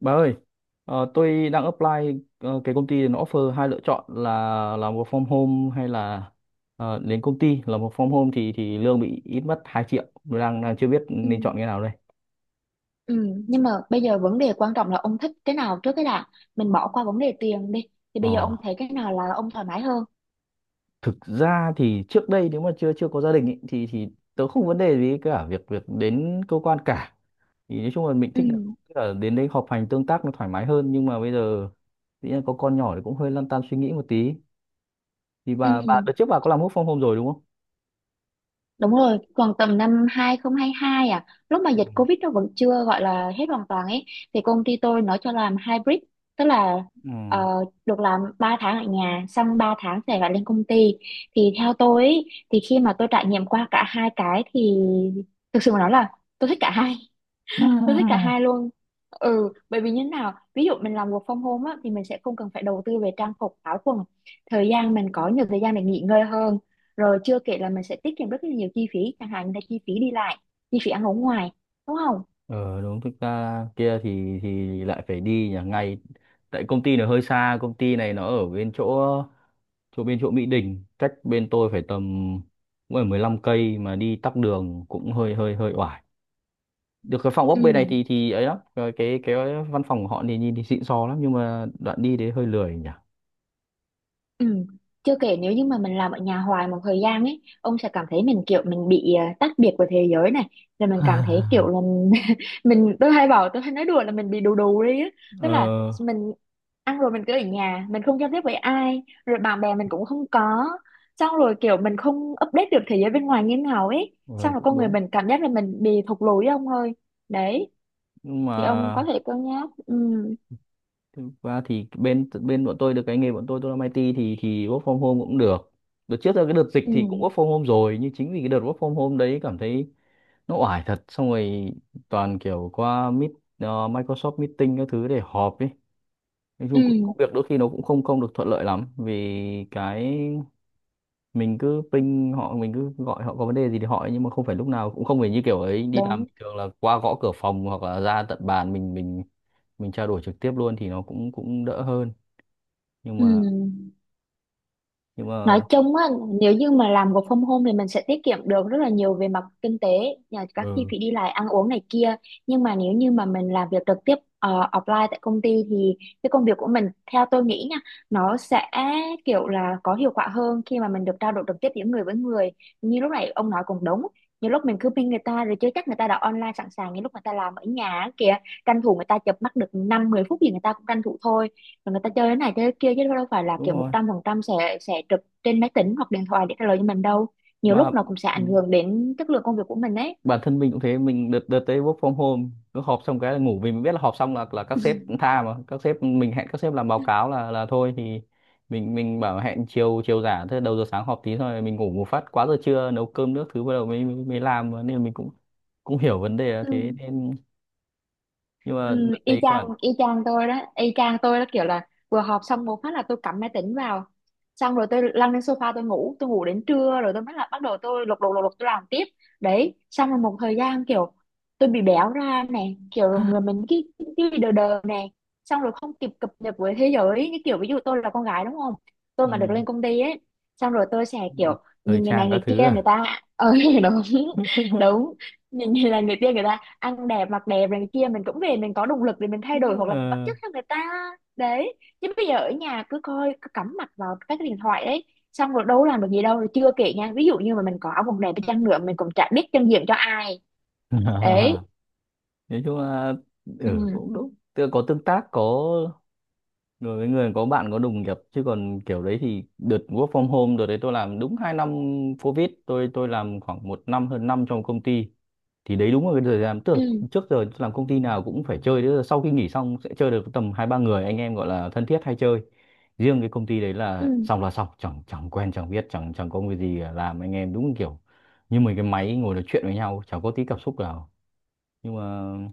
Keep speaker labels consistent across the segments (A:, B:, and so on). A: Bà ơi, tôi đang apply, cái công ty nó offer hai lựa chọn là làm work from home hay là, đến công ty làm. Work from home thì lương bị ít mất 2 triệu. Tôi đang, đang chưa biết
B: Ừ.
A: nên chọn cái nào đây.
B: Ừ. Nhưng mà bây giờ vấn đề quan trọng là ông thích cái nào trước cái đã, mình bỏ qua vấn đề tiền đi, thì
A: Ờ,
B: bây giờ ông thấy cái nào là ông thoải mái hơn?
A: thực ra thì trước đây nếu mà chưa chưa có gia đình ý, thì tớ không vấn đề gì cả, việc việc đến cơ quan cả. Thì nói chung là mình thích là,
B: Ừ.
A: tức là đến đây họp hành tương tác nó thoải mái hơn, nhưng mà bây giờ tự nhiên có con nhỏ thì cũng hơi lăn tăn suy nghĩ một tí. Thì bà
B: Ừ.
A: đợt trước bà có làm work from home rồi đúng không?
B: Đúng rồi, còn tầm năm 2022 à, lúc mà dịch Covid nó vẫn chưa gọi là hết hoàn toàn ấy thì công ty tôi nó cho làm hybrid, tức là
A: Ừ.
B: ờ, được làm 3 tháng ở nhà xong 3 tháng sẽ phải lên công ty. Thì theo tôi ấy, thì khi mà tôi trải nghiệm qua cả hai cái thì thực sự mà nói là tôi thích cả hai. Tôi thích cả hai luôn. Ừ, bởi vì như thế nào? Ví dụ mình làm work from home á, thì mình sẽ không cần phải đầu tư về trang phục, áo quần. Thời gian mình có nhiều thời gian để nghỉ ngơi hơn. Rồi chưa kể là mình sẽ tiết kiệm rất là nhiều chi phí, chẳng hạn như là chi phí đi lại, chi phí ăn uống ngoài, đúng không?
A: Ờ đúng, thực ra kia thì lại phải đi nhà ngay, tại công ty nó hơi xa. Công ty này nó ở bên chỗ, chỗ bên chỗ Mỹ Đình, cách bên tôi phải tầm, cũng phải 15 cây, mà đi tắc đường cũng hơi hơi hơi oải. Được cái phòng ốc bên này
B: Ừ.
A: thì ấy lắm. Ờ, cái văn phòng của họ thì nhìn thì xịn sò lắm, nhưng mà đoạn đi đấy hơi lười nhỉ.
B: Ừ. Chưa kể nếu như mà mình làm ở nhà hoài một thời gian ấy, ông sẽ cảm thấy mình kiểu mình bị tách biệt với thế giới này, rồi mình cảm thấy kiểu là mình, tôi hay bảo, tôi hay nói đùa là mình bị đù đù đi á, tức là
A: Ờ,
B: mình ăn rồi mình cứ ở nhà, mình không giao tiếp với ai, rồi bạn bè mình cũng không có, xong rồi kiểu mình không update được thế giới bên ngoài như thế nào ấy,
A: ờ
B: xong rồi
A: cũng
B: con người
A: đúng,
B: mình cảm giác là mình bị thụt lùi ấy ông ơi, đấy
A: nhưng mà
B: thì ông có thể cân nhắc, ừ,
A: thực ra thì bên bên bọn tôi được cái nghề, bọn tôi làm IT thì work from home cũng được. Đợt trước là cái đợt dịch thì cũng
B: ừ,
A: work from home rồi, nhưng chính vì cái đợt work from home đấy cảm thấy nó oải thật. Xong rồi toàn kiểu qua meet, Microsoft meeting các thứ để họp ấy. Nói chung cũng
B: ừ,
A: công việc đôi khi nó cũng không không được thuận lợi lắm, vì cái mình cứ ping họ, mình cứ gọi họ có vấn đề gì thì hỏi, nhưng mà không phải lúc nào cũng, không phải như kiểu ấy đi làm
B: đúng,
A: bình thường là qua gõ cửa phòng hoặc là ra tận bàn mình, mình trao đổi trực tiếp luôn thì nó cũng cũng đỡ hơn, nhưng
B: ừ.
A: mà, nhưng
B: Nói
A: mà
B: chung á, nếu như mà làm work from home thì mình sẽ tiết kiệm được rất là nhiều về mặt kinh tế, nhà các chi
A: ừ
B: phí đi lại, ăn uống này kia. Nhưng mà nếu như mà mình làm việc trực tiếp offline tại công ty thì cái công việc của mình, theo tôi nghĩ nha, nó sẽ kiểu là có hiệu quả hơn khi mà mình được trao đổi trực tiếp giữa người với người. Như lúc này ông nói cũng đúng. Nhiều lúc mình cứ ping người ta rồi chứ chắc người ta đã online sẵn sàng như lúc người ta làm ở nhà á kìa, tranh thủ người ta chập mắt được 5 10 phút gì người ta cũng tranh thủ thôi, rồi người ta chơi thế này chơi thế kia chứ đâu phải là
A: đúng
B: kiểu một
A: rồi,
B: trăm phần trăm sẽ trực trên máy tính hoặc điện thoại để trả lời cho mình đâu. Nhiều
A: mà
B: lúc nó cũng sẽ
A: ừ,
B: ảnh hưởng đến chất lượng công việc của mình đấy.
A: bản thân mình cũng thế. Mình đợt đợt tới work from home cứ họp xong cái là ngủ, vì mình biết là họp xong là các sếp cũng tha, mà các sếp mình hẹn các sếp làm báo cáo là thôi thì mình bảo hẹn chiều, chiều giả thế. Đầu giờ sáng họp tí thôi, mình ngủ một phát quá giờ trưa, nấu cơm nước thứ, bắt đầu mới mới mới làm mà. Nên là mình cũng cũng hiểu vấn đề là thế,
B: Ừ.
A: nên nhưng mà
B: Ừ,
A: đợt đấy các bạn,
B: y chang tôi đó, y chang tôi đó, kiểu là vừa họp xong một phát là tôi cắm máy tính vào, xong rồi tôi lăn lên sofa tôi ngủ, tôi ngủ đến trưa rồi tôi mới là bắt đầu tôi lục lục lục lục tôi làm tiếp. Đấy, xong rồi một thời gian kiểu tôi bị béo ra này, kiểu người mình cái bị đờ đờ này, xong rồi không kịp cập nhật với thế giới. Như kiểu ví dụ tôi là con gái đúng không, tôi
A: ừ,
B: mà được lên công ty ấy, xong rồi tôi sẽ kiểu
A: thời
B: nhìn người này
A: trang các
B: người
A: thứ
B: kia, người
A: à.
B: ta ờ, đúng, đúng, nhìn người này người kia, người ta ăn đẹp mặc đẹp này kia, mình cũng về mình có động lực để mình thay đổi hoặc là mình bắt chước theo người ta. Đấy, chứ bây giờ ở nhà cứ coi cứ cắm mặt vào các cái điện thoại đấy, xong rồi đâu làm được gì đâu. Rồi chưa kể nha, ví dụ như mà mình có áo quần đẹp đi chăng nữa mình cũng chả biết chân diện cho ai.
A: Ờ.
B: Đấy.
A: Nói chung là
B: Ừ,
A: ừ cũng đúng, tức là có tương tác, có người với người, có bạn có đồng nghiệp. Chứ còn kiểu đấy thì đợt work from home đợt đấy tôi làm đúng 2 năm covid, tôi làm khoảng 1 năm hơn năm trong công ty. Thì đấy đúng là cái thời gian, tức
B: ừ,
A: là trước giờ làm công ty nào cũng phải chơi, tức là sau khi nghỉ xong sẽ chơi được tầm 2 3 người anh em gọi là thân thiết hay chơi. Riêng cái công ty đấy là
B: ừ,
A: xong là xong, chẳng chẳng quen chẳng biết chẳng chẳng có người gì làm anh em, đúng kiểu như mấy cái máy ngồi nói chuyện với nhau, chẳng có tí cảm xúc nào. Nhưng mà nói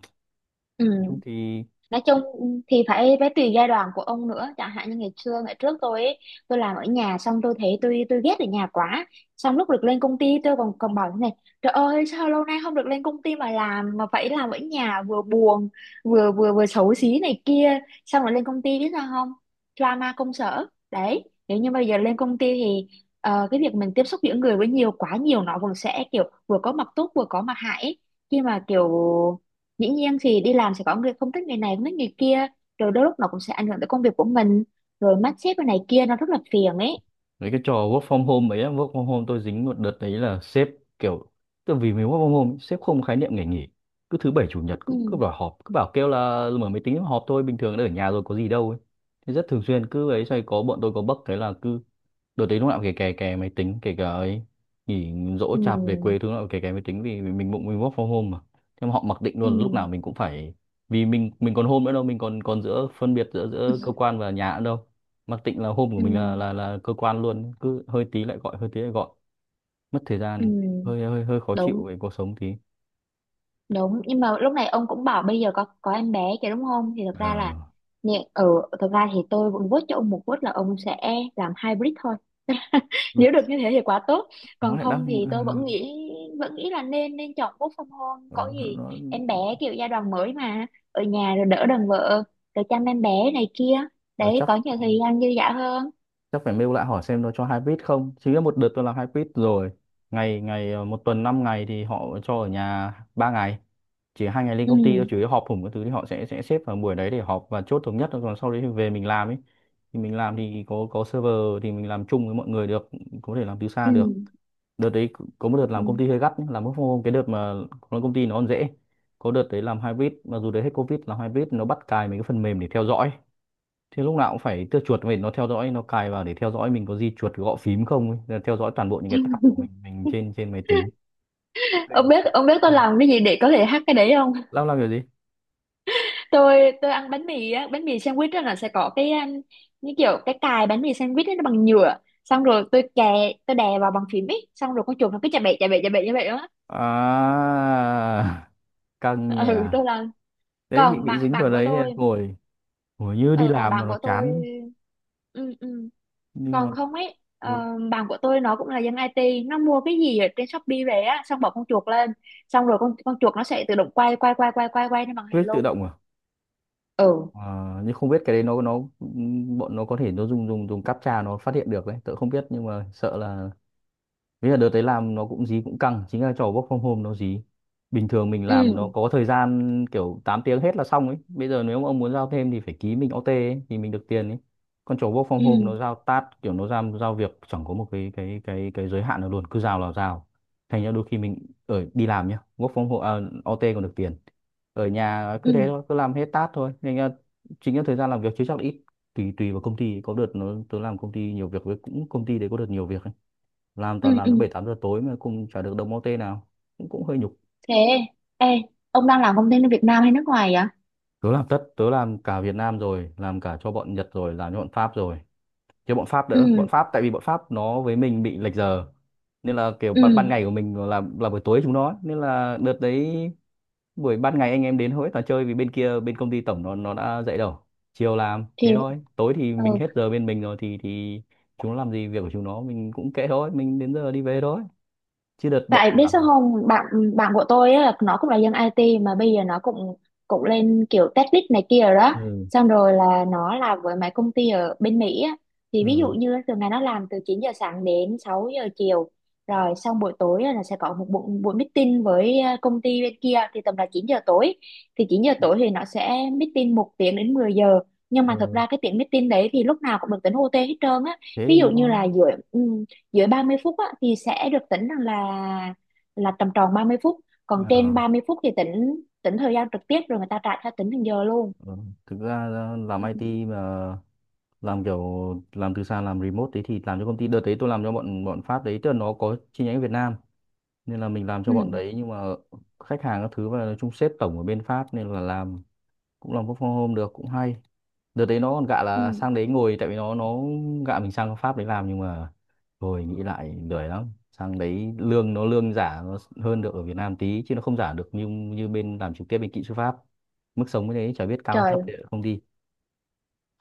B: ừ,
A: chung thì,
B: nói chung thì phải phải tùy giai đoạn của ông nữa, chẳng hạn như ngày xưa ngày trước tôi ấy, tôi làm ở nhà xong tôi thấy tôi ghét ở nhà quá, xong lúc được lên công ty tôi còn còn bảo thế này, trời ơi sao lâu nay không được lên công ty mà làm mà phải làm ở nhà, vừa buồn vừa vừa vừa xấu xí này kia, xong rồi lên công ty biết sao không, drama công sở. Đấy, nếu như bây giờ lên công ty thì cái việc mình tiếp xúc giữa người với nhiều quá nhiều nó vẫn sẽ kiểu vừa có mặt tốt vừa có mặt hại ấy. Khi mà kiểu dĩ nhiên thì đi làm sẽ có người không thích người này không thích người kia, rồi đôi lúc nó cũng sẽ ảnh hưởng tới công việc của mình, rồi mắt xếp cái này kia nó rất là phiền ấy.
A: đấy cái trò work from home ấy, á, work from home tôi dính một đợt đấy là sếp kiểu, từ vì mình work from home, ấy, sếp không khái niệm ngày nghỉ. Cứ thứ bảy chủ nhật
B: Ừ,
A: cũng cứ bảo họp, cứ bảo kêu là mở máy tính họp thôi, bình thường đã ở nhà rồi có gì đâu ấy. Thế rất thường xuyên cứ ấy xoay, có bọn tôi có bug thế là cứ đợt đấy lúc nào cũng kè kè kè máy tính, kể cả ấy nghỉ dỗ
B: ừ,
A: chạp về quê thứ nào cũng kè kè máy tính, vì mình bụng mình work from home mà. Thế mà họ mặc định
B: ừ,
A: luôn là lúc nào mình cũng phải, vì mình còn home nữa đâu, mình còn còn giữa phân biệt giữa giữa cơ quan và nhà nữa đâu. Mặc định là home của
B: ừ,
A: mình là là cơ quan luôn. Cứ hơi tí lại gọi, hơi tí lại gọi, mất thời
B: ừ,
A: gian, hơi hơi hơi khó
B: đúng,
A: chịu về cuộc sống tí.
B: đúng, nhưng mà lúc này ông cũng bảo bây giờ có em bé kìa đúng không, thì thật
A: Ờ
B: ra là ở ừ, thực ra thì tôi vẫn vote cho ông một vote là ông sẽ làm hybrid thôi, nếu được như thế thì quá tốt,
A: nó
B: còn
A: lại
B: không
A: đang,
B: thì tôi vẫn nghĩ, vẫn nghĩ là nên nên chọn work from home. Có
A: ờ,
B: gì
A: nó,
B: em bé
A: nó
B: kiểu giai đoạn mới mà, ở nhà rồi đỡ đần vợ, rồi chăm em bé này kia,
A: ờ,
B: đấy,
A: chắc
B: có nhiều thời gian dư dả hơn.
A: chắc phải mail lại hỏi xem nó cho hai quýt không. Chính là một đợt tôi làm hai quýt rồi, ngày ngày, 1 tuần 5 ngày thì họ cho ở nhà 3 ngày, chỉ 2 ngày lên công ty thôi. Chủ
B: Ừ,
A: yếu họp hùng cái thứ thì họ sẽ xếp vào buổi đấy để họp và chốt thống nhất thôi. Còn sau đấy thì về mình làm ấy, thì mình làm thì có server, thì mình làm chung với mọi người được, có thể làm từ
B: ừ,
A: xa được. Đợt đấy có một đợt
B: ừ.
A: làm công ty hơi gắt nhá, làm work from home cái đợt mà làm công ty nó còn dễ. Có đợt đấy làm hybrid, mặc dù đấy hết covid, làm hybrid nó bắt cài mấy cái phần mềm để theo dõi, thì lúc nào cũng phải tua chuột. Mình nó theo dõi, nó cài vào để theo dõi mình có di chuột gõ phím không ấy, là theo dõi toàn bộ những cái tab của mình, trên trên máy tính.
B: Ông
A: Tình,
B: biết ông biết tôi
A: tình.
B: làm cái gì để có thể hack cái đấy không?
A: Làm kiểu gì?
B: Tôi ăn bánh mì á, bánh mì sandwich á, là sẽ có cái như kiểu cái cài bánh mì sandwich ấy, nó bằng nhựa, xong rồi tôi kè, tôi đè vào bằng phím ấy, xong rồi con chuột nó cứ chà bậy chà bậy chà bậy như vậy đó.
A: À, căng nhỉ.
B: Ừ, tôi
A: À.
B: làm.
A: Đấy
B: Còn
A: bị
B: bạn
A: dính vào
B: bạn của
A: đấy nên
B: tôi
A: ngồi, ngồi như đi
B: ờ, còn
A: làm mà
B: bạn
A: nó
B: của tôi,
A: chán,
B: ừ, ừ.
A: nhưng mà
B: Còn không ấy
A: ừ,
B: ờ, bạn của tôi nó cũng là dân IT, nó mua cái gì ở trên Shopee về á, xong bỏ con chuột lên, xong rồi con chuột nó sẽ tự động quay quay quay quay quay quay trên màn hình
A: click tự
B: luôn.
A: động à.
B: Ừ,
A: À, nhưng không biết cái đấy nó, bọn nó có thể nó dùng dùng dùng captcha nó phát hiện được đấy, tớ không biết nhưng mà sợ là. Thế là đợt đấy làm nó cũng dí cũng căng. Chính là trò work from home nó dí. Bình thường mình
B: ừ,
A: làm nó có thời gian kiểu 8 tiếng hết là xong ấy. Bây giờ nếu mà ông muốn giao thêm thì phải ký mình OT ấy, thì mình được tiền ấy. Còn trò work from home nó
B: ừ,
A: giao task, kiểu nó giao, giao việc chẳng có một cái giới hạn nào luôn, cứ giao là giao. Thành ra đôi khi mình ở đi làm nhá, work from home, à, OT còn được tiền. Ở nhà cứ thế
B: ừ,
A: thôi, cứ làm hết task thôi. Nên là chính là thời gian làm việc chứ chắc là ít. Tùy tùy vào công ty. Có đợt nó tớ làm công ty nhiều việc, với cũng công ty đấy có đợt nhiều việc ấy, làm
B: ừ,
A: toàn làm đến
B: ừ,
A: 7 8 giờ tối mà cũng chả được đồng ô tê nào, cũng cũng hơi nhục.
B: thế, ê, ông đang làm công ty ở Việt Nam hay nước ngoài vậy?
A: Tớ làm tất, tớ làm cả Việt Nam, rồi làm cả cho bọn Nhật, rồi làm cho bọn Pháp rồi. Chứ bọn Pháp
B: Ừ,
A: đỡ, bọn Pháp tại vì bọn Pháp nó với mình bị lệch giờ, nên là kiểu
B: ừ,
A: ban, ban ngày của mình là buổi tối chúng nó, nên là đợt đấy buổi ban ngày anh em đến hối toàn chơi, vì bên kia bên công ty tổng nó đã dậy đầu chiều làm
B: thì,
A: thế thôi. Tối thì
B: ừ.
A: mình hết giờ bên mình rồi, thì chúng nó làm gì việc của chúng nó mình cũng kệ thôi, mình đến giờ đi về thôi. Chứ đợt bọn,
B: Tại biết sao không, bạn bạn của tôi á, là nó cũng là dân IT mà bây giờ nó cũng cũng lên kiểu tech lead này kia rồi đó.
A: ừ,
B: Xong rồi là nó làm với mấy công ty ở bên Mỹ á. Thì ví dụ
A: ừ,
B: như thường ngày nó làm từ 9 giờ sáng đến 6 giờ chiều. Rồi xong buổi tối á, là sẽ có một buổi, buổi meeting với công ty bên kia thì tầm là 9 giờ tối. Thì 9 giờ tối thì nó sẽ meeting một tiếng đến 10 giờ. Nhưng mà thực
A: ừ.
B: ra cái tiếng meeting đấy thì lúc nào cũng được tính OT hết trơn á.
A: Thế
B: Ví dụ như là
A: ngon.
B: giữa ừ, dưới 30 phút á, thì sẽ được tính rằng là tầm tròn 30 phút, còn trên
A: À,
B: 30 phút thì tính tính thời gian trực tiếp rồi người ta trả theo tính thành giờ luôn.
A: ừ. Thực ra ờ, làm
B: Ừ.
A: IT mà làm kiểu, làm từ xa, làm remote đấy, thì làm cho công ty đợt đấy tôi làm cho bọn bọn Pháp đấy, tức là nó có chi nhánh ở Việt Nam nên là mình làm cho bọn
B: Ừ.
A: đấy, nhưng mà khách hàng các thứ và nói chung sếp tổng ở bên Pháp, nên là làm cũng làm work from home được, cũng hay. Đợt đấy nó còn gạ là
B: Ừ.
A: sang đấy ngồi, tại vì nó gạ mình sang Pháp đấy làm, nhưng mà rồi nghĩ lại lười lắm. Sang đấy lương nó, lương giả nó hơn được ở Việt Nam tí, chứ nó không giả được như như bên làm trực tiếp bên kỹ sư Pháp. Mức sống như thế chả biết cao hay thấp
B: Trời,
A: thì không đi.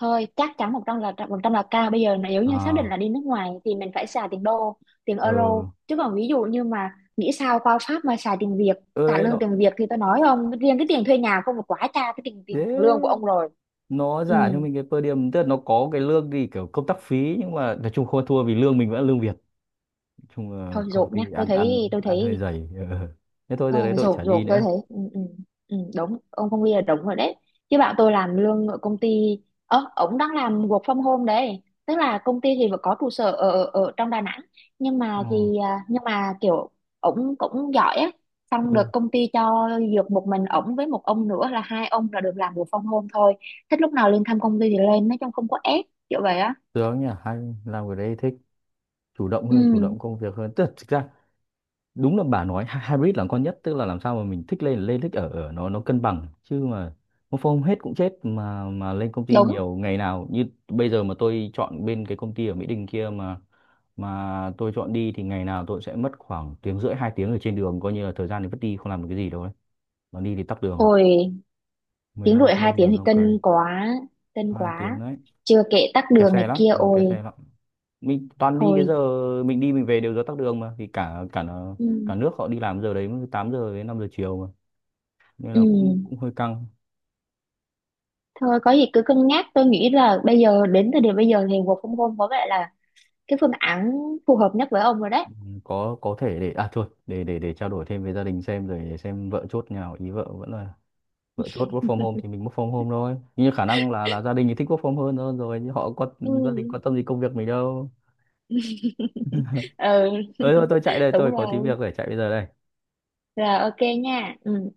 B: thôi chắc chắn một trăm là cao. Bây giờ nếu như xác định
A: À
B: là đi nước ngoài thì mình phải xài tiền đô, tiền euro,
A: ờ,
B: chứ còn ví dụ như mà nghĩ sao qua Pháp mà xài tiền Việt,
A: ở
B: trả
A: đấy
B: lương
A: nó
B: tiền Việt thì tôi nói không riêng cái tiền thuê nhà không là quá cha cái tiền tiền lương của
A: thế,
B: ông rồi.
A: nó
B: Ừ,
A: giả cho mình cái per diem, tức là nó có cái lương thì kiểu công tác phí, nhưng mà nói chung không ăn thua vì lương mình vẫn là lương Việt. Nói chung là
B: thôi
A: công
B: dồn nhá,
A: ty
B: tôi
A: ăn
B: thấy
A: ăn
B: tôi
A: ăn hơi
B: thấy,
A: dày. Ừ. Thế thôi
B: ờ,
A: từ đấy tôi
B: rổ
A: chả đi
B: rổ tôi
A: nữa.
B: thấy, ừ, ừ, ừ, đúng, ông Phong Huy là đúng rồi đấy. Chứ bạn tôi làm lương ở công ty, ớ, ông đang làm work from home đấy, tức là công ty thì vẫn có trụ sở ở, ở ở trong Đà Nẵng, nhưng
A: Ờ.
B: mà thì à, nhưng mà kiểu ông cũng giỏi á, xong
A: Ừ.
B: được công ty cho dược một mình ổng với một ông nữa là hai ông là được làm work from home thôi, thích lúc nào lên thăm công ty thì lên, nói chung không có ép kiểu vậy á.
A: Được nhỉ, hay. Làm cái đấy thích, chủ động hơn, chủ
B: Ừ,
A: động công việc hơn. Tức là thực ra đúng là bà nói hy- hybrid là con nhất, tức là làm sao mà mình thích lên là lên, thích ở ở, nó cân bằng. Chứ mà một hôm hết cũng chết, mà lên công ty
B: đúng
A: nhiều ngày nào như bây giờ mà tôi chọn bên cái công ty ở Mỹ Đình kia, mà tôi chọn đi thì ngày nào tôi sẽ mất khoảng tiếng rưỡi 2 tiếng ở trên đường, coi như là thời gian thì vất đi không làm được cái gì đâu đấy. Mà đi thì tắc đường
B: rồi, tiếng
A: 15
B: rưỡi
A: cây,
B: hai tiếng thì
A: 15 cây,
B: cân quá, cân
A: 2 tiếng
B: quá,
A: đấy.
B: chưa kể tắc
A: Kẹt
B: đường
A: xe
B: này
A: lắm,
B: kia,
A: ừ
B: ôi
A: kẹt xe lắm. Mình toàn đi cái
B: thôi.
A: giờ, mình đi mình về đều giờ tắc đường mà, thì cả cả
B: Ừ.
A: cả nước họ đi làm giờ đấy, 8 giờ đến 5 giờ chiều mà, nên
B: Ừ.
A: là cũng cũng hơi căng.
B: Thôi có gì cứ cân nhắc, tôi nghĩ là bây giờ đến thời điểm bây giờ thì work from home có vẻ là cái phương án phù hợp nhất với ông rồi đấy.
A: Ừ, có thể để à thôi, để trao đổi thêm với gia đình xem, rồi để xem vợ chốt nhà nào ý. Vợ vẫn là, vợ chốt work from home thì mình work from home thôi, nhưng khả năng là gia đình thì thích work from home hơn rồi, nhưng họ có
B: Ừ.
A: gia đình quan tâm gì công việc mình đâu.
B: Ừ.
A: Ơi thôi tôi chạy đây,
B: Đúng
A: tôi có tí
B: rồi.
A: việc phải chạy bây giờ đây.
B: Rồi, ok nha. Ừ.